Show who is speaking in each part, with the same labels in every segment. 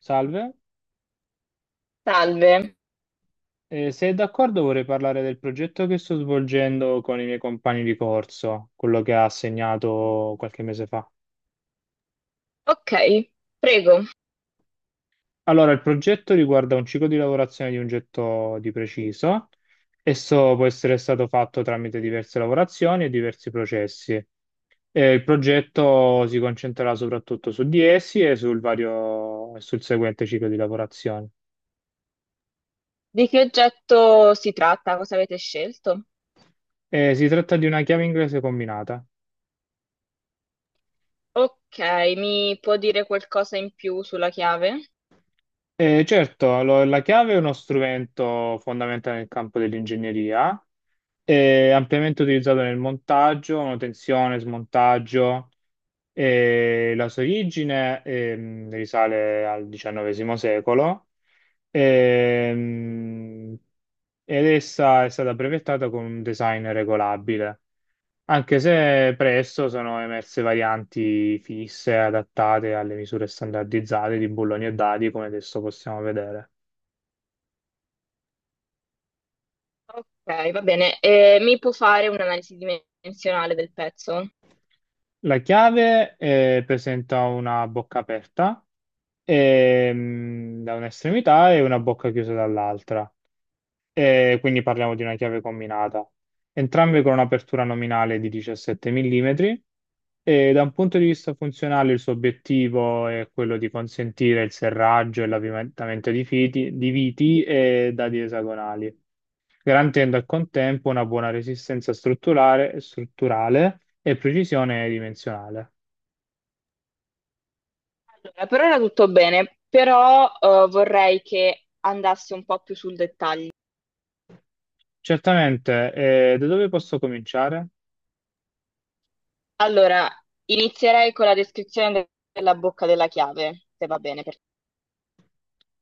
Speaker 1: Salve.
Speaker 2: Salve.
Speaker 1: Se è d'accordo vorrei parlare del progetto che sto svolgendo con i miei compagni di corso, quello che ha assegnato qualche mese fa.
Speaker 2: Ok, prego.
Speaker 1: Allora, il progetto riguarda un ciclo di lavorazione di un getto di preciso. Esso può essere stato fatto tramite diverse lavorazioni e diversi processi. E il progetto si concentrerà soprattutto su di essi e sul sul seguente ciclo di lavorazione.
Speaker 2: Di che oggetto si tratta? Cosa avete scelto?
Speaker 1: Si tratta di una chiave inglese combinata.
Speaker 2: Ok, mi può dire qualcosa in più sulla chiave?
Speaker 1: Certo, la chiave è uno strumento fondamentale nel campo dell'ingegneria, è ampiamente utilizzato nel montaggio, manutenzione, smontaggio. La sua origine risale al XIX secolo, ehm, ed essa è stata brevettata con un design regolabile, anche se presto sono emerse varianti fisse adattate alle misure standardizzate di bulloni e dadi, come adesso possiamo vedere.
Speaker 2: Ok, va bene. Mi può fare un'analisi dimensionale del pezzo?
Speaker 1: La chiave presenta una bocca aperta da un'estremità e una bocca chiusa dall'altra. Quindi parliamo di una chiave combinata, entrambe con un'apertura nominale di 17 mm, e da un punto di vista funzionale il suo obiettivo è quello di consentire il serraggio e l'avvitamento di viti e dadi esagonali, garantendo al contempo una buona resistenza strutturale e precisione dimensionale.
Speaker 2: Allora, per ora tutto bene, però vorrei che andasse un po' più sul dettaglio.
Speaker 1: Certamente. Da dove posso cominciare?
Speaker 2: Allora, inizierei con la descrizione della bocca della chiave, se va bene per.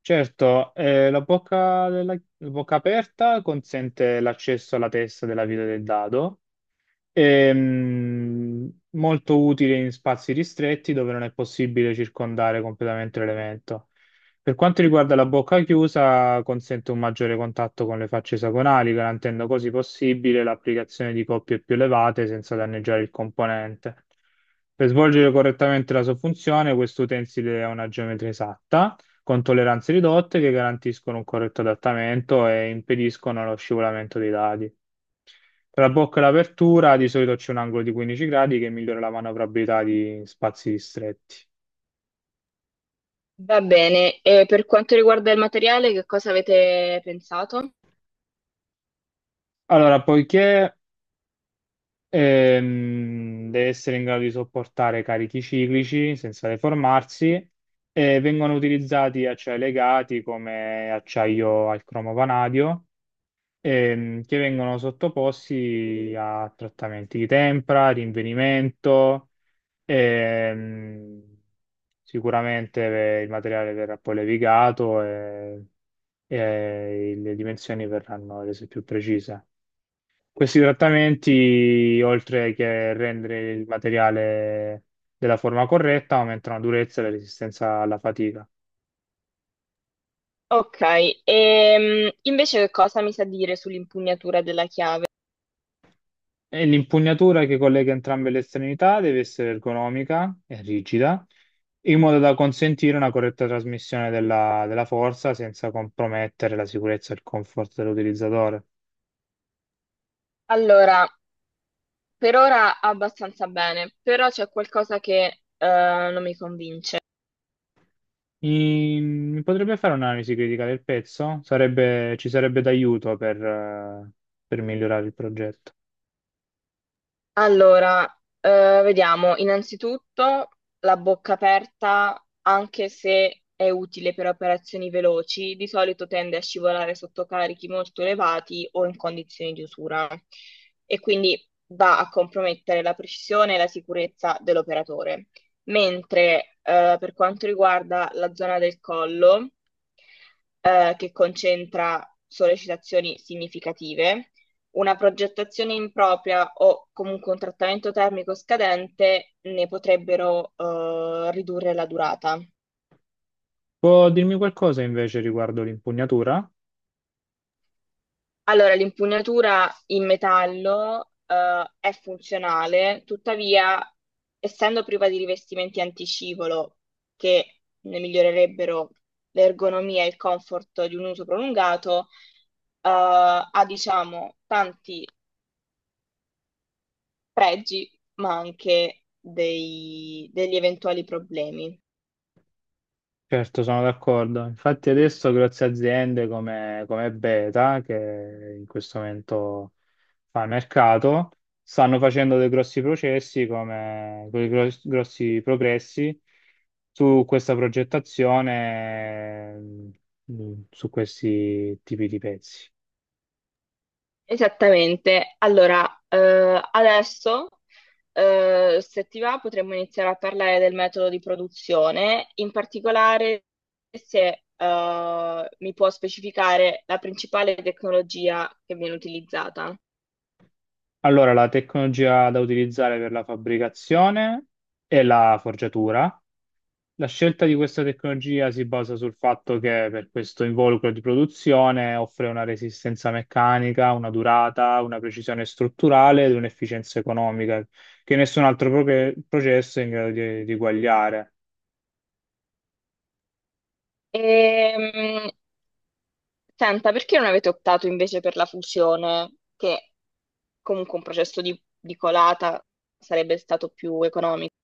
Speaker 1: Certo, la la bocca aperta consente l'accesso alla testa della vita del dado. Ehm, Molto utile in spazi ristretti dove non è possibile circondare completamente l'elemento. Per quanto riguarda la bocca chiusa, consente un maggiore contatto con le facce esagonali, garantendo così possibile l'applicazione di coppie più elevate senza danneggiare il componente. Per svolgere correttamente la sua funzione, questo utensile ha una geometria esatta, con tolleranze ridotte che garantiscono un corretto adattamento e impediscono lo scivolamento dei dadi. Tra la bocca e l'apertura di solito c'è un angolo di 15 gradi che migliora la manovrabilità di spazi ristretti.
Speaker 2: Va bene, e per quanto riguarda il materiale, che cosa avete pensato?
Speaker 1: Allora, poiché deve essere in grado di sopportare carichi ciclici senza deformarsi, vengono utilizzati acciai legati come acciaio al cromo vanadio, che vengono sottoposti a trattamenti di tempra, rinvenimento. Ehm, Sicuramente il materiale verrà poi levigato e le dimensioni verranno rese più precise. Questi trattamenti, oltre che rendere il materiale della forma corretta, aumentano la durezza e la resistenza alla fatica.
Speaker 2: Ok, invece che cosa mi sa dire sull'impugnatura della chiave?
Speaker 1: E l'impugnatura che collega entrambe le estremità deve essere ergonomica e rigida, in modo da consentire una corretta trasmissione della forza senza compromettere la sicurezza e il comfort dell'utilizzatore.
Speaker 2: Allora, per ora abbastanza bene, però c'è qualcosa che eh, non mi convince.
Speaker 1: Mi potrebbe fare un'analisi critica del pezzo? Ci sarebbe d'aiuto per migliorare il progetto.
Speaker 2: Allora, vediamo, innanzitutto la bocca aperta, anche se è utile per operazioni veloci, di solito tende a scivolare sotto carichi molto elevati o in condizioni di usura e quindi va a compromettere la precisione e la sicurezza dell'operatore. Mentre per quanto riguarda la zona del collo, che concentra sollecitazioni significative, una progettazione impropria o comunque un trattamento termico scadente ne potrebbero ridurre la durata.
Speaker 1: Può dirmi qualcosa invece riguardo l'impugnatura?
Speaker 2: Allora, l'impugnatura in metallo è funzionale, tuttavia, essendo priva di rivestimenti anticivolo che ne migliorerebbero l'ergonomia e il comfort di un uso prolungato, ha diciamo tanti pregi, ma anche degli eventuali problemi.
Speaker 1: Certo, sono d'accordo. Infatti adesso grosse aziende come Beta, che in questo momento fa mercato, stanno facendo dei grossi processi, grossi progressi su questa progettazione, su questi tipi di pezzi.
Speaker 2: Esattamente. Allora, adesso, se ti va, potremmo iniziare a parlare del metodo di produzione, in particolare se, mi può specificare la principale tecnologia che viene utilizzata.
Speaker 1: Allora, la tecnologia da utilizzare per la fabbricazione è la forgiatura. La scelta di questa tecnologia si basa sul fatto che per questo involucro di produzione offre una resistenza meccanica, una durata, una precisione strutturale ed un'efficienza economica che nessun altro processo è in grado di eguagliare.
Speaker 2: Ehm, Senta, perché non avete optato invece per la fusione, che comunque un processo di colata sarebbe stato più economico?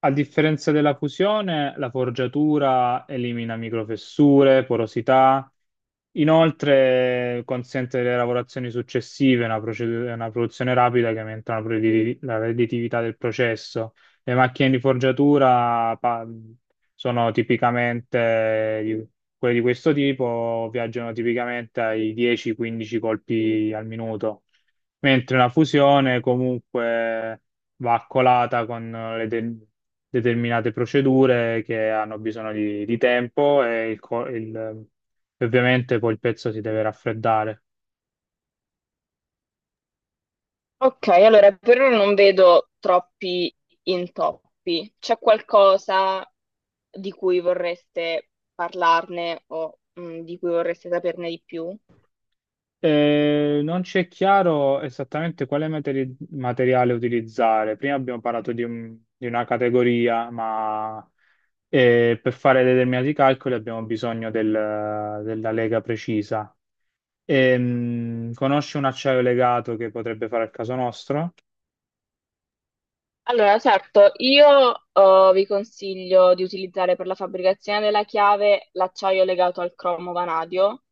Speaker 1: A differenza della fusione, la forgiatura elimina microfessure, porosità, inoltre consente le lavorazioni successive, una produzione rapida che aumenta la la redditività del processo. Le macchine di forgiatura sono tipicamente quelle di questo tipo, viaggiano tipicamente ai 10-15 colpi al minuto, mentre la fusione comunque va accolata con le determinate procedure che hanno bisogno di tempo e il ovviamente poi il pezzo si deve raffreddare.
Speaker 2: Ok, allora per ora non vedo troppi intoppi. C'è qualcosa di cui vorreste parlarne o di cui vorreste saperne di più?
Speaker 1: Non ci è chiaro esattamente quale materiale utilizzare. Prima abbiamo parlato di una categoria, ma per fare determinati calcoli abbiamo bisogno della lega precisa. Conosci un acciaio legato che potrebbe fare al caso nostro?
Speaker 2: Allora, certo, io vi consiglio di utilizzare per la fabbricazione della chiave l'acciaio legato al cromo vanadio,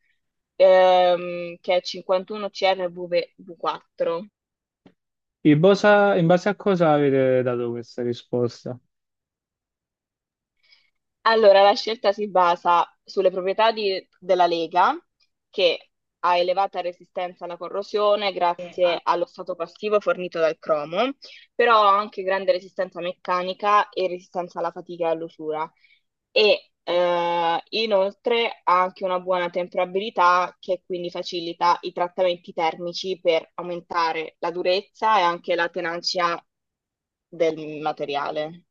Speaker 2: che è 51 CRV4.
Speaker 1: In base, In base a cosa avete dato questa risposta?
Speaker 2: Allora, la scelta si basa sulle proprietà della lega, che ha elevata resistenza alla corrosione grazie allo stato passivo fornito dal cromo, però ha anche grande resistenza meccanica e resistenza alla fatica e all'usura. E inoltre ha anche una buona temperabilità che quindi facilita i trattamenti termici per aumentare la durezza e anche la tenacia del materiale.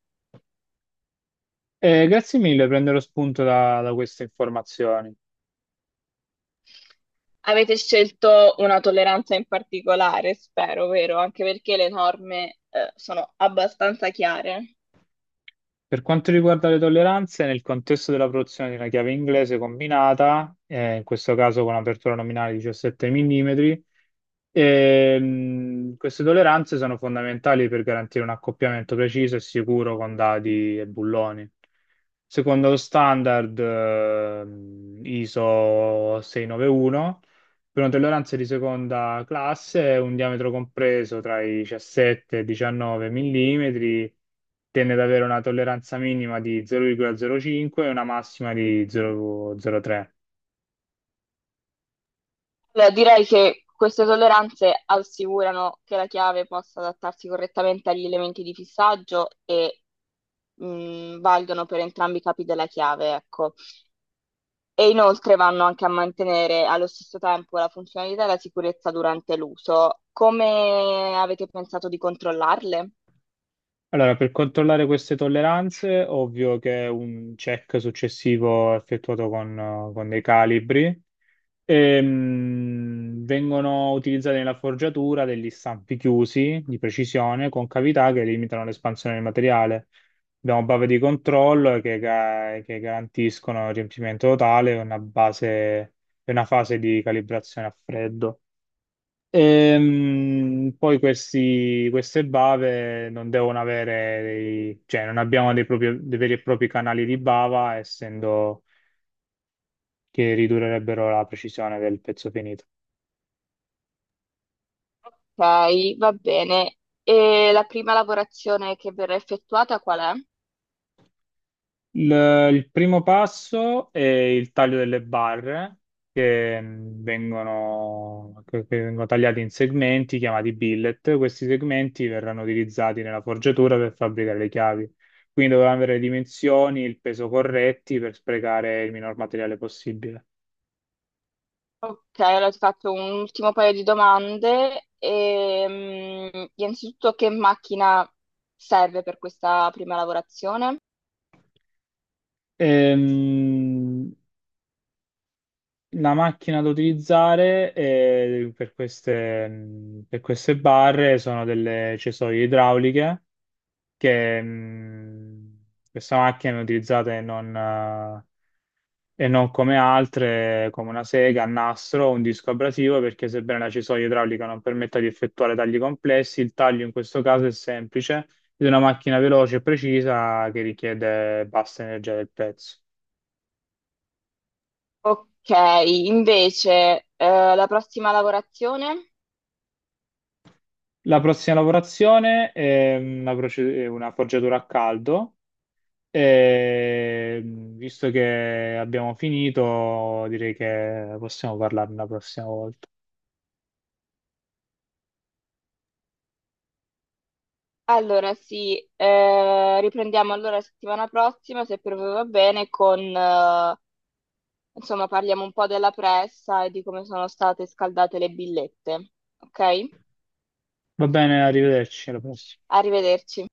Speaker 1: Grazie mille, prenderò spunto da queste informazioni.
Speaker 2: Avete scelto una tolleranza in particolare, spero, vero? Anche perché le norme, sono abbastanza chiare.
Speaker 1: Per quanto riguarda le tolleranze, nel contesto della produzione di una chiave inglese combinata, in questo caso con apertura nominale di 17 mm, queste tolleranze sono fondamentali per garantire un accoppiamento preciso e sicuro con dadi e bulloni. Secondo lo standard, ISO 691, per una tolleranza di seconda classe, un diametro compreso tra i 17 e i 19 millimetri, tende ad avere una tolleranza minima di 0,05 e una massima di 0,03.
Speaker 2: Allora, direi che queste tolleranze assicurano che la chiave possa adattarsi correttamente agli elementi di fissaggio e valgono per entrambi i capi della chiave, ecco. E inoltre vanno anche a mantenere allo stesso tempo la funzionalità e la sicurezza durante l'uso. Come avete pensato di controllarle?
Speaker 1: Allora, per controllare queste tolleranze, ovvio che un check successivo è effettuato con dei calibri. Vengono utilizzati nella forgiatura degli stampi chiusi di precisione con cavità che limitano l'espansione del materiale. Abbiamo bave di controllo che garantiscono il riempimento totale e una base, e una fase di calibrazione a freddo. Poi queste bave non devono cioè non abbiamo dei veri e propri canali di bava, essendo che ridurrebbero la precisione del pezzo finito.
Speaker 2: Ok, va bene. E la prima lavorazione che verrà effettuata qual è?
Speaker 1: Il, il primo passo è il taglio delle barre che che vengono tagliate in segmenti chiamati billet. Questi segmenti verranno utilizzati nella forgiatura per fabbricare le chiavi. Quindi dovranno avere le dimensioni, il peso corretti per sprecare il minor materiale possibile.
Speaker 2: Ok, allora ti faccio un ultimo paio di domande. Innanzitutto, che macchina serve per questa prima lavorazione?
Speaker 1: Ehm, la macchina da utilizzare per queste, mm, per queste barre sono delle cesoie idrauliche che questa macchina viene utilizzata e non come altre, come una sega, a nastro o un disco abrasivo, perché sebbene la cisoia idraulica non permetta di effettuare tagli complessi, il taglio in questo caso è semplice, di una macchina veloce e precisa che richiede bassa energia del pezzo.
Speaker 2: Ok, invece, la prossima lavorazione?
Speaker 1: La prossima lavorazione è mhmm, una, proce- è una forgiatura a caldo, e visto che abbiamo finito, direi che possiamo parlarne la prossima volta.
Speaker 2: Allora sì, riprendiamo allora la settimana prossima, se per voi va bene, con insomma, parliamo un po' della pressa e di come sono state scaldate le billette. Ok?
Speaker 1: Va bene, arrivederci, alla prossima.
Speaker 2: Arrivederci.